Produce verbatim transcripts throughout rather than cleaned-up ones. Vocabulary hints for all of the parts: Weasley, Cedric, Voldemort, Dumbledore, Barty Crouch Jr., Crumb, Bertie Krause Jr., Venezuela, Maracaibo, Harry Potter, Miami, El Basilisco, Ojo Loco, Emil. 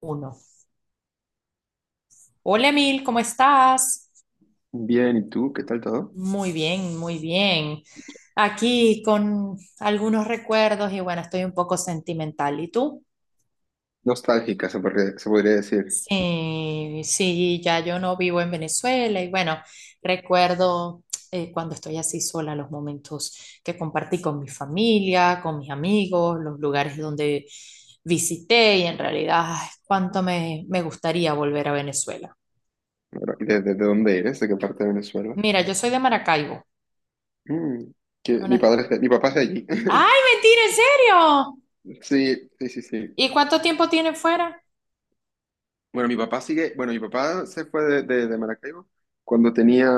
Uno. Hola Emil, ¿cómo estás? Bien, ¿y tú? ¿Qué tal todo? Muy bien, muy bien. Aquí con algunos recuerdos y bueno, estoy un poco sentimental. ¿Y tú? Nostálgica, se podría, se podría decir. Sí, sí, ya yo no vivo en Venezuela y bueno, recuerdo eh, cuando estoy así sola, los momentos que compartí con mi familia, con mis amigos, los lugares donde visité y en realidad, ay, cuánto me, me gustaría volver a Venezuela. ¿Verdad? ¿De, de- de dónde eres? ¿De qué parte de Venezuela? Mira, yo soy de Maracaibo, Mm, que mi una, padre es de- Mi papá es de allí. ay, mentira, ¿en serio? Sí, sí, sí, sí. ¿Y cuánto tiempo tiene fuera? Bueno, mi papá sigue, bueno, mi papá se fue de, de- de Maracaibo cuando tenía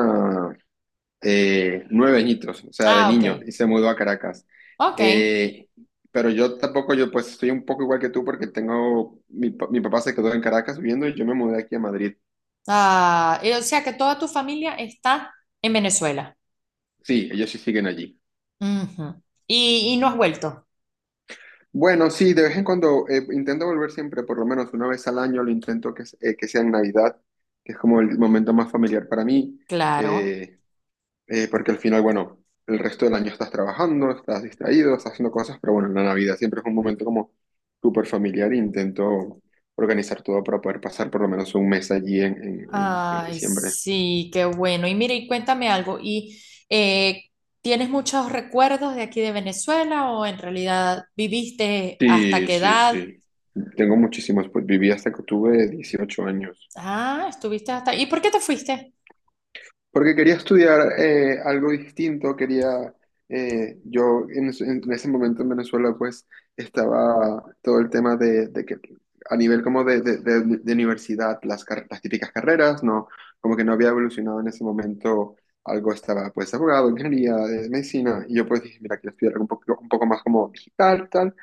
eh, nueve añitos, o sea, de Ah, ok, niño, y se mudó a Caracas. ok. Eh, pero yo tampoco, yo pues estoy un poco igual que tú porque tengo, mi, pa- mi papá se quedó en Caracas viviendo y yo me mudé aquí a Madrid. Ah, y o sea que toda tu familia está en Venezuela. Sí, ellos sí siguen allí. Ujú. Y, y no has vuelto. Bueno, sí, de vez en cuando eh, intento volver siempre, por lo menos una vez al año, lo intento que, eh, que sea en Navidad, que es como el momento más familiar para mí, Claro. eh, eh, porque al final, bueno, el resto del año estás trabajando, estás distraído, estás haciendo cosas, pero bueno, en la Navidad siempre es un momento como súper familiar e intento organizar todo para poder pasar por lo menos un mes allí en, en, en- en Ay, diciembre. sí, qué bueno. Y mire, y cuéntame algo. ¿Y eh, tienes muchos recuerdos de aquí de Venezuela o en realidad viviste hasta Sí, qué sí, edad? sí. Tengo muchísimos, pues viví hasta que tuve dieciocho años. Ah, estuviste hasta... ¿Y por qué te fuiste? Porque quería estudiar eh, algo distinto, quería, eh, yo en, es- en ese momento en Venezuela pues estaba todo el tema de, de que a nivel como de, de- de- de universidad, las, car- las típicas carreras, no, como que no había evolucionado en ese momento, algo estaba pues abogado, ingeniería, eh, medicina, y yo pues dije, mira, quiero estudiar algo un poco, un poco más como digital, tal,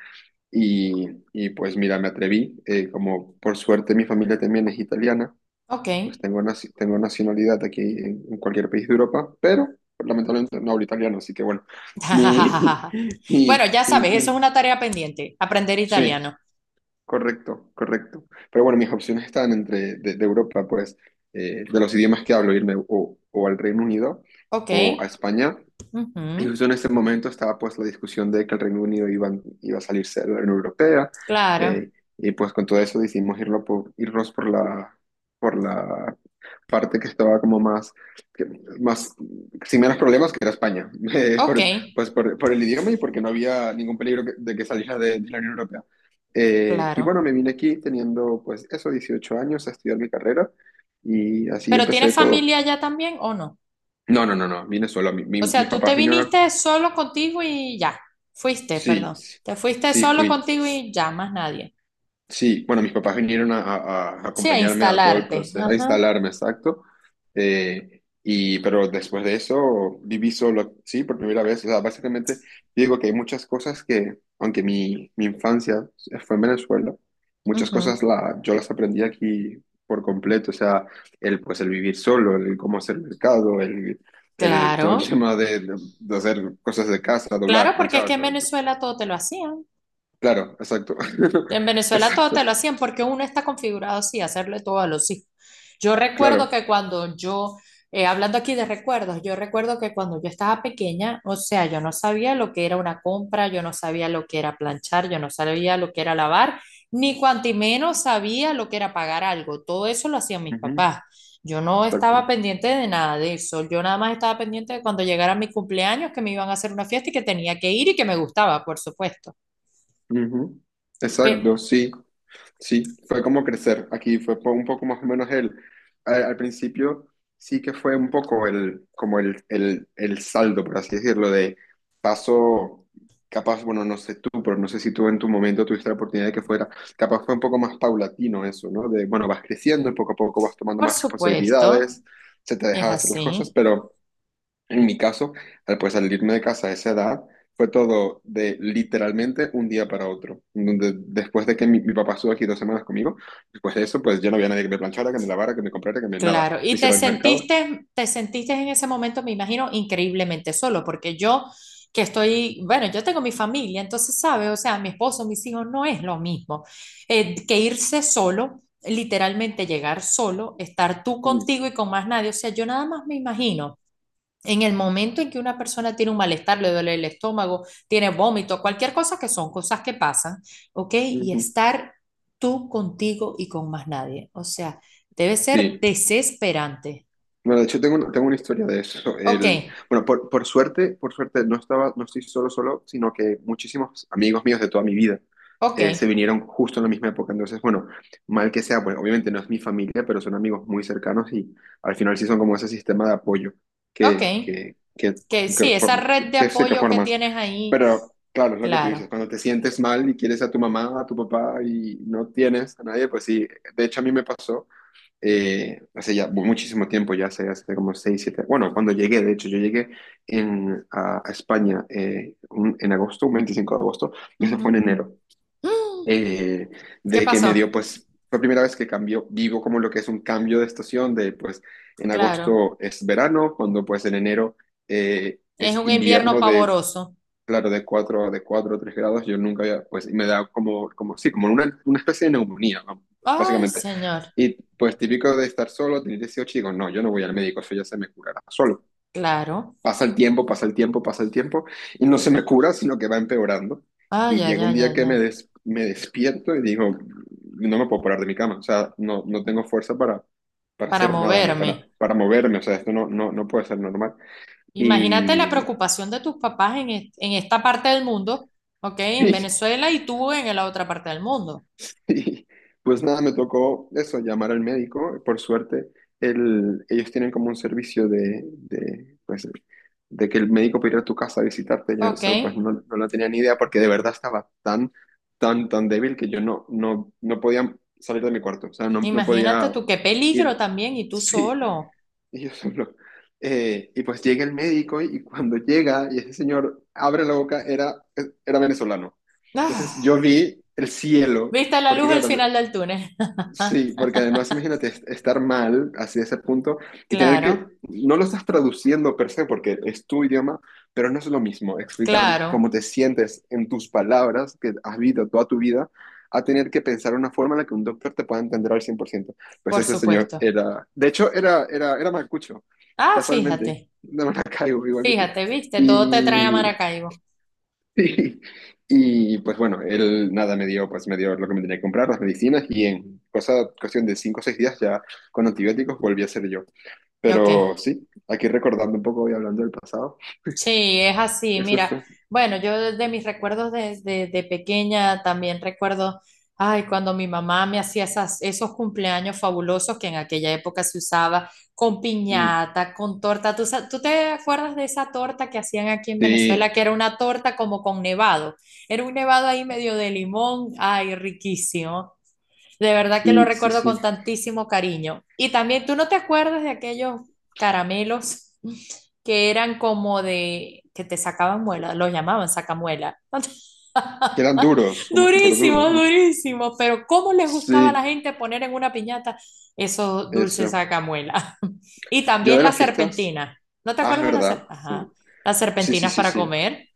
y, y pues mira, me atreví, eh, como por suerte mi familia también es italiana Ok. pues tengo, naci- tengo nacionalidad aquí en, en cualquier país de Europa, pero lamentablemente no hablo italiano, así que bueno, ni, Bueno, ni, ya ni- sabes, eso es ni- una tarea pendiente, aprender sí, italiano. correcto, correcto. Pero bueno, mis opciones están entre de, de Europa, pues, eh, de los idiomas que hablo, irme o, o al Reino Unido Ok, o a España y ujú, justo en este momento estaba pues la discusión de que el Reino Unido iba, iba a salirse de la Unión Europea, claro, eh, y pues con todo eso decidimos irlo por, irnos por la, por la parte que estaba como más, que- más sin menos problemas que era España, eh, ok, por- pues por, por el idioma y porque no había ningún peligro que- de que saliera de, de la Unión Europea. Eh, y claro. bueno, me vine aquí teniendo pues eso, dieciocho años a estudiar mi carrera y así ¿Pero tienes empecé familia todo. allá también o no? No, no, no, no, vine solo. Mi- O mi- sea, mis tú te papás vinieron. viniste solo contigo y ya, fuiste, Sí, perdón, sí, te fuiste sí solo fui. contigo y ya, más nadie. Sí, bueno, mis papás vinieron a, a- a Sí, a acompañarme a todo el instalarte. proceso, a Ajá, instalarme, exacto. Eh, y, pero después de eso viví solo, sí, por primera vez. O sea, básicamente digo que hay muchas cosas que, aunque mi, mi infancia fue en Venezuela, muchas cosas ujú, la, yo las aprendí aquí por completo. O sea, el, pues, el vivir solo, el cómo hacer mercado, el, el, todo el claro, tema de, de hacer cosas de casa, claro, doblar, porque es que planchar. en Venezuela todo te lo hacían. Claro, exacto. En Venezuela todo Exacto, te lo hacían porque uno está configurado así, a hacerle todo a los hijos. Yo recuerdo claro. que cuando yo, eh, hablando aquí de recuerdos, yo recuerdo que cuando yo estaba pequeña, o sea, yo no sabía lo que era una compra, yo no sabía lo que era planchar, yo no sabía lo que era lavar, ni cuanto menos sabía lo que era pagar algo. Todo eso lo hacían mis Ujú. papás. Yo no estaba Exacto. pendiente de nada de eso. Yo nada más estaba pendiente de cuando llegara mi cumpleaños, que me iban a hacer una fiesta y que tenía que ir y que me gustaba, por supuesto. Ujú. Pe- Exacto, sí, sí. Fue como crecer. Aquí fue po- un poco más o menos el. Al, al principio sí que fue un poco el, como el, el, el saldo, por así decirlo, de paso, capaz, bueno, no sé tú, pero no sé si tú en tu momento tuviste la oportunidad de que fuera. Capaz fue un poco más paulatino eso, ¿no? De, bueno, vas creciendo, poco a poco vas tomando por más supuesto. responsabilidades, se te deja Es de hacer las cosas, así, pero. En mi caso, al pues salirme de casa a esa edad, fue todo de literalmente un día para otro. Donde después de que mi, mi papá estuvo aquí dos semanas conmigo, después de eso, pues ya no había nadie que me planchara, que me lavara, que me comprara, que me nada. claro. Me Y te hiciera el mercado. sentiste, te sentiste en ese momento, me imagino, increíblemente solo, porque yo que estoy, bueno, yo tengo mi familia, entonces, ¿sabes? O sea, mi esposo, mis hijos, no es lo mismo eh, que irse solo, literalmente llegar solo, estar tú Mm, contigo y con más nadie. O sea, yo nada más me imagino En el momento en que una persona tiene un malestar, le duele el estómago, tiene vómito, cualquier cosa que son cosas que pasan, ¿ok? Y ujú. estar tú contigo y con más nadie. O sea, debe ser Sí. desesperante. Bueno, de hecho tengo, una- tengo una historia de eso. Ok, El, bueno, por, por suerte, por suerte no estaba, no estoy solo solo, sino que muchísimos amigos míos de toda mi vida ok, eh, se vinieron justo en la misma época. Entonces, bueno, mal que sea, pues obviamente no es mi familia, pero son amigos muy cercanos y al final sí son como ese sistema de apoyo ok. que, que, que, Que que, sí, esa form- red que, de que sé que apoyo que formas. tienes ahí, Pero claro, es lo que tú dices, claro. cuando te sientes mal y quieres a tu mamá, a tu papá y no tienes a nadie, pues sí, de hecho a mí me pasó eh, hace ya muchísimo tiempo, ya hace, hace como seis siete bueno, cuando llegué, de hecho, yo llegué en, a, a España eh, un- en agosto, un veinticinco de agosto, y eso fue en Ujú. enero, Mm, eh, ¿qué de que me dio, pasó? pues, fue la primera vez que cambió, vivo como lo que es un cambio de estación, de pues, en Claro. agosto es verano, cuando pues en enero eh, Es es un invierno invierno de. pavoroso. Claro, de cuatro de cuatro o tres grados, yo nunca había, pues, y me da como, como sí, como una, una especie de neumonía, vamos, Ay, básicamente. señor. Y pues típico de estar solo, tener dieciocho, y digo, no, yo no voy al médico, eso ya se me curará solo. Claro. Pasa el tiempo, pasa el tiempo, pasa el tiempo, y no se me cura, sino que va empeorando. Ay, Y ay, llega un ay, día ay, que ay. me, des- me despierto y digo, no me puedo parar de mi cama, o sea, no, no tengo fuerza para, para Para hacer nada, ni para, moverme. para moverme, o sea, esto no, no, no puede ser normal. Imagínate la Y, preocupación de tus papás en, est- en esta parte del mundo, ¿ok? En Venezuela y tú en la otra parte del mundo, Y pues nada, me tocó eso, llamar al médico. Por suerte, el- ellos tienen como un servicio de, de, pues, de que el médico puede ir a tu casa a visitarte. Yo ¿ok? eso pues no, no lo tenía ni idea porque de verdad estaba tan, tan, tan débil que yo no, no, no podía salir de mi cuarto. O sea, no, no Imagínate podía tú qué peligro ir. también y tú Sí, solo. y yo solo. eh, y pues llega el médico y cuando llega y ese señor abre la boca, era, era venezolano. Entonces yo Ah, vi el cielo, ¿viste la porque luz al final claro, del túnel? sí, porque además imagínate es- estar mal así de ese punto y tener Claro, que, no lo estás traduciendo per se porque es tu idioma, pero no es lo mismo explicar claro, cómo te sientes en tus palabras que has vivido toda tu vida a tener que pensar una forma en la que un doctor te pueda entender al cien por ciento. Pues por ese señor supuesto. era, de hecho era, era, era malcucho, Ah, casualmente, fíjate, de Maracaibo, igual que tú. Mm. fíjate, viste, todo te trae a Y, Maracaibo. Sí. Y pues bueno, él nada me dio, pues me dio lo que me tenía que comprar, las medicinas, y en cosa, cuestión de cinco o seis días ya con antibióticos volví a ser yo. Ok. Pero sí, aquí recordando un poco y hablando del pasado, Sí, es así. eso Mira, fue. bueno, yo de de mis recuerdos desde de pequeña también recuerdo, ay, cuando mi mamá me hacía esas, esos cumpleaños fabulosos que en aquella época se usaba con Mm. piñata, con torta. ¿Tú, sa- tú te acuerdas de esa torta que hacían aquí en Sí, Venezuela, que era una torta como con nevado? Era un nevado ahí medio de limón, ay, riquísimo. De verdad que lo sí, sí, recuerdo sí. con tantísimo cariño. Y también, ¿tú no te acuerdas de aquellos caramelos que eran como de, que te sacaban muela, los llamaban sacamuela? Que eran duros, como súper duros, Durísimos, ¿no? durísimos, pero ¿cómo les gustaba a la Sí, gente poner en una piñata esos dulces eso. sacamuela? Y Yo también de las las fiestas, serpentinas. ¿No te ah, es acuerdas de las, ser- verdad, sí. ajá, las Sí, sí, serpentinas sí, para sí. comer?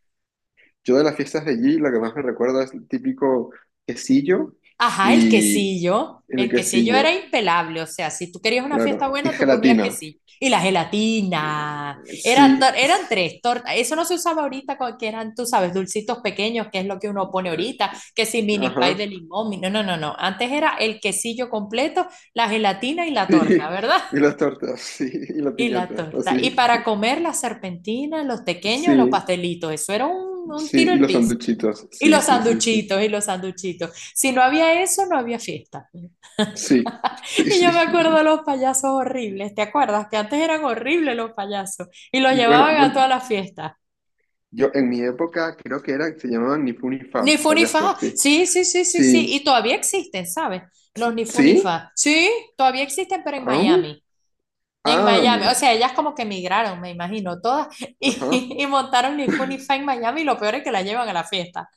Yo de las fiestas de allí, lo que más me recuerda es el típico quesillo Ajá, el y quesillo. el El quesillo era quesillo. impelable, o sea, si tú querías una fiesta Claro. Y buena, tú ponías gelatina. quesillo. Y la gelatina. Era Sí. To- eran tres tortas. Eso no se usaba ahorita, con- que eran, tú sabes, dulcitos pequeños, que es lo que uno pone ahorita, que si mini pie Ajá. de limón. mi- No, no, no, no. Antes era el quesillo completo, la gelatina y la torta, Sí. ¿verdad? Y las tortas, sí. Y la Y la piñata, torta. Y así. para comer las serpentinas, los pequeños, los Sí. pastelitos. Eso era un, un Sí. tiro Y al los piso. sanduchitos. Y Sí, los sí, sí, sí. sanduchitos, y los sanduchitos. Si no había eso, no había fiesta. Sí. Sí, Y yo sí, me sí, acuerdo sí. de los payasos horribles, ¿te acuerdas? Que antes eran horribles los payasos y los Bueno, llevaban a bueno, todas las fiestas. yo en mi época creo que eran, se llamaban ni fu ni fa, Ni los Fu Ni payasos, Fa. ¿qué? Sí, sí, sí, sí, sí. Sí. Y todavía existen, ¿sabes? Los Ni Fu Ni ¿Sí? Fa. Sí, todavía existen, pero en Ah, Miami. En ah, Miami. O mira. sea, ellas como que emigraron, me imagino, todas. Ajá. Y, y montaron Ni Fu Ni Fa en Miami. Y lo peor es que la llevan a la fiesta.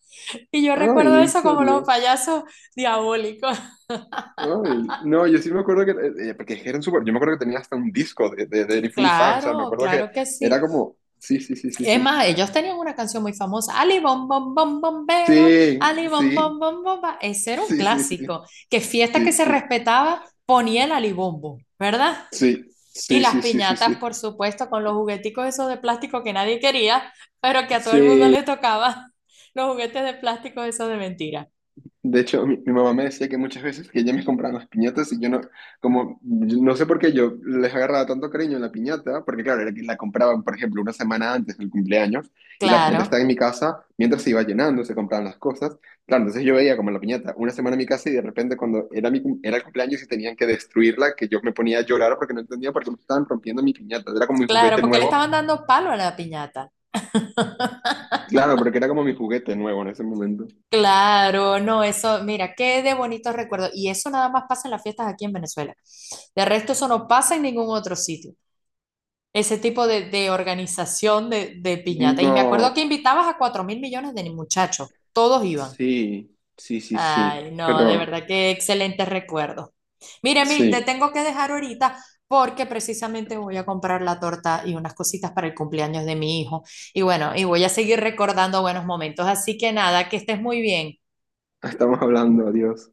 Y yo Ay, recuerdo en eso como los serio. payasos diabólicos. Ay, no, yo sí me acuerdo que, eh, eh, porque eran súper, yo me acuerdo que tenía hasta un disco de, de, de Funny Fan, o sea, me Claro, acuerdo que claro que sí. era como, sí, sí, sí, sí, Es sí, más, ellos tenían una canción muy famosa, Ali Bom Bom Bom Bombero, sí, Ali Bom Bom sí, Bom Bomba. Ese era un sí, sí, sí, clásico, que fiesta que se respetaba ponía el alibombo, ¿verdad? Y sí, las sí, sí, sí, sí, sí, sí, sí, piñatas, por sí, supuesto, con los jugueticos esos de plástico que nadie quería, pero que a todo el mundo sí. le tocaba, los juguetes de plástico esos de mentira. De hecho, mi, mi mamá me decía que muchas veces que ella me compraba las piñatas y yo no, como, yo no sé por qué yo les agarraba tanto cariño a la piñata, porque claro, era que la compraban, por ejemplo, una semana antes del cumpleaños y la Claro, piñata estaba en mi casa mientras se iba llenando, se compraban las cosas. Claro, entonces yo veía como la piñata una semana en mi casa y de repente cuando era, mi, cum- era el cumpleaños y tenían que destruirla, que yo me ponía a llorar porque no entendía por qué me estaban rompiendo mi piñata. Era como mi claro, juguete porque le nuevo. estaban dando palo a la piñata. Claro, porque era como mi juguete nuevo en ese momento. Claro, no, eso, mira, qué de bonitos recuerdos. Y eso nada más pasa en las fiestas aquí en Venezuela. De resto, eso no pasa en ningún otro sitio. Ese tipo de, de organización de, de piñata. Y me acuerdo que No, invitabas a cuatro mil millones de muchachos. Todos iban. sí, sí, sí, sí, Ay, no, de pero. verdad, qué excelente recuerdo. Mira, Emil, te Sí, tengo que dejar ahorita porque precisamente voy a comprar la torta y unas cositas para el cumpleaños de mi hijo. Y bueno, y voy a seguir recordando buenos momentos. Así que nada, que estés muy bien. estamos hablando, adiós.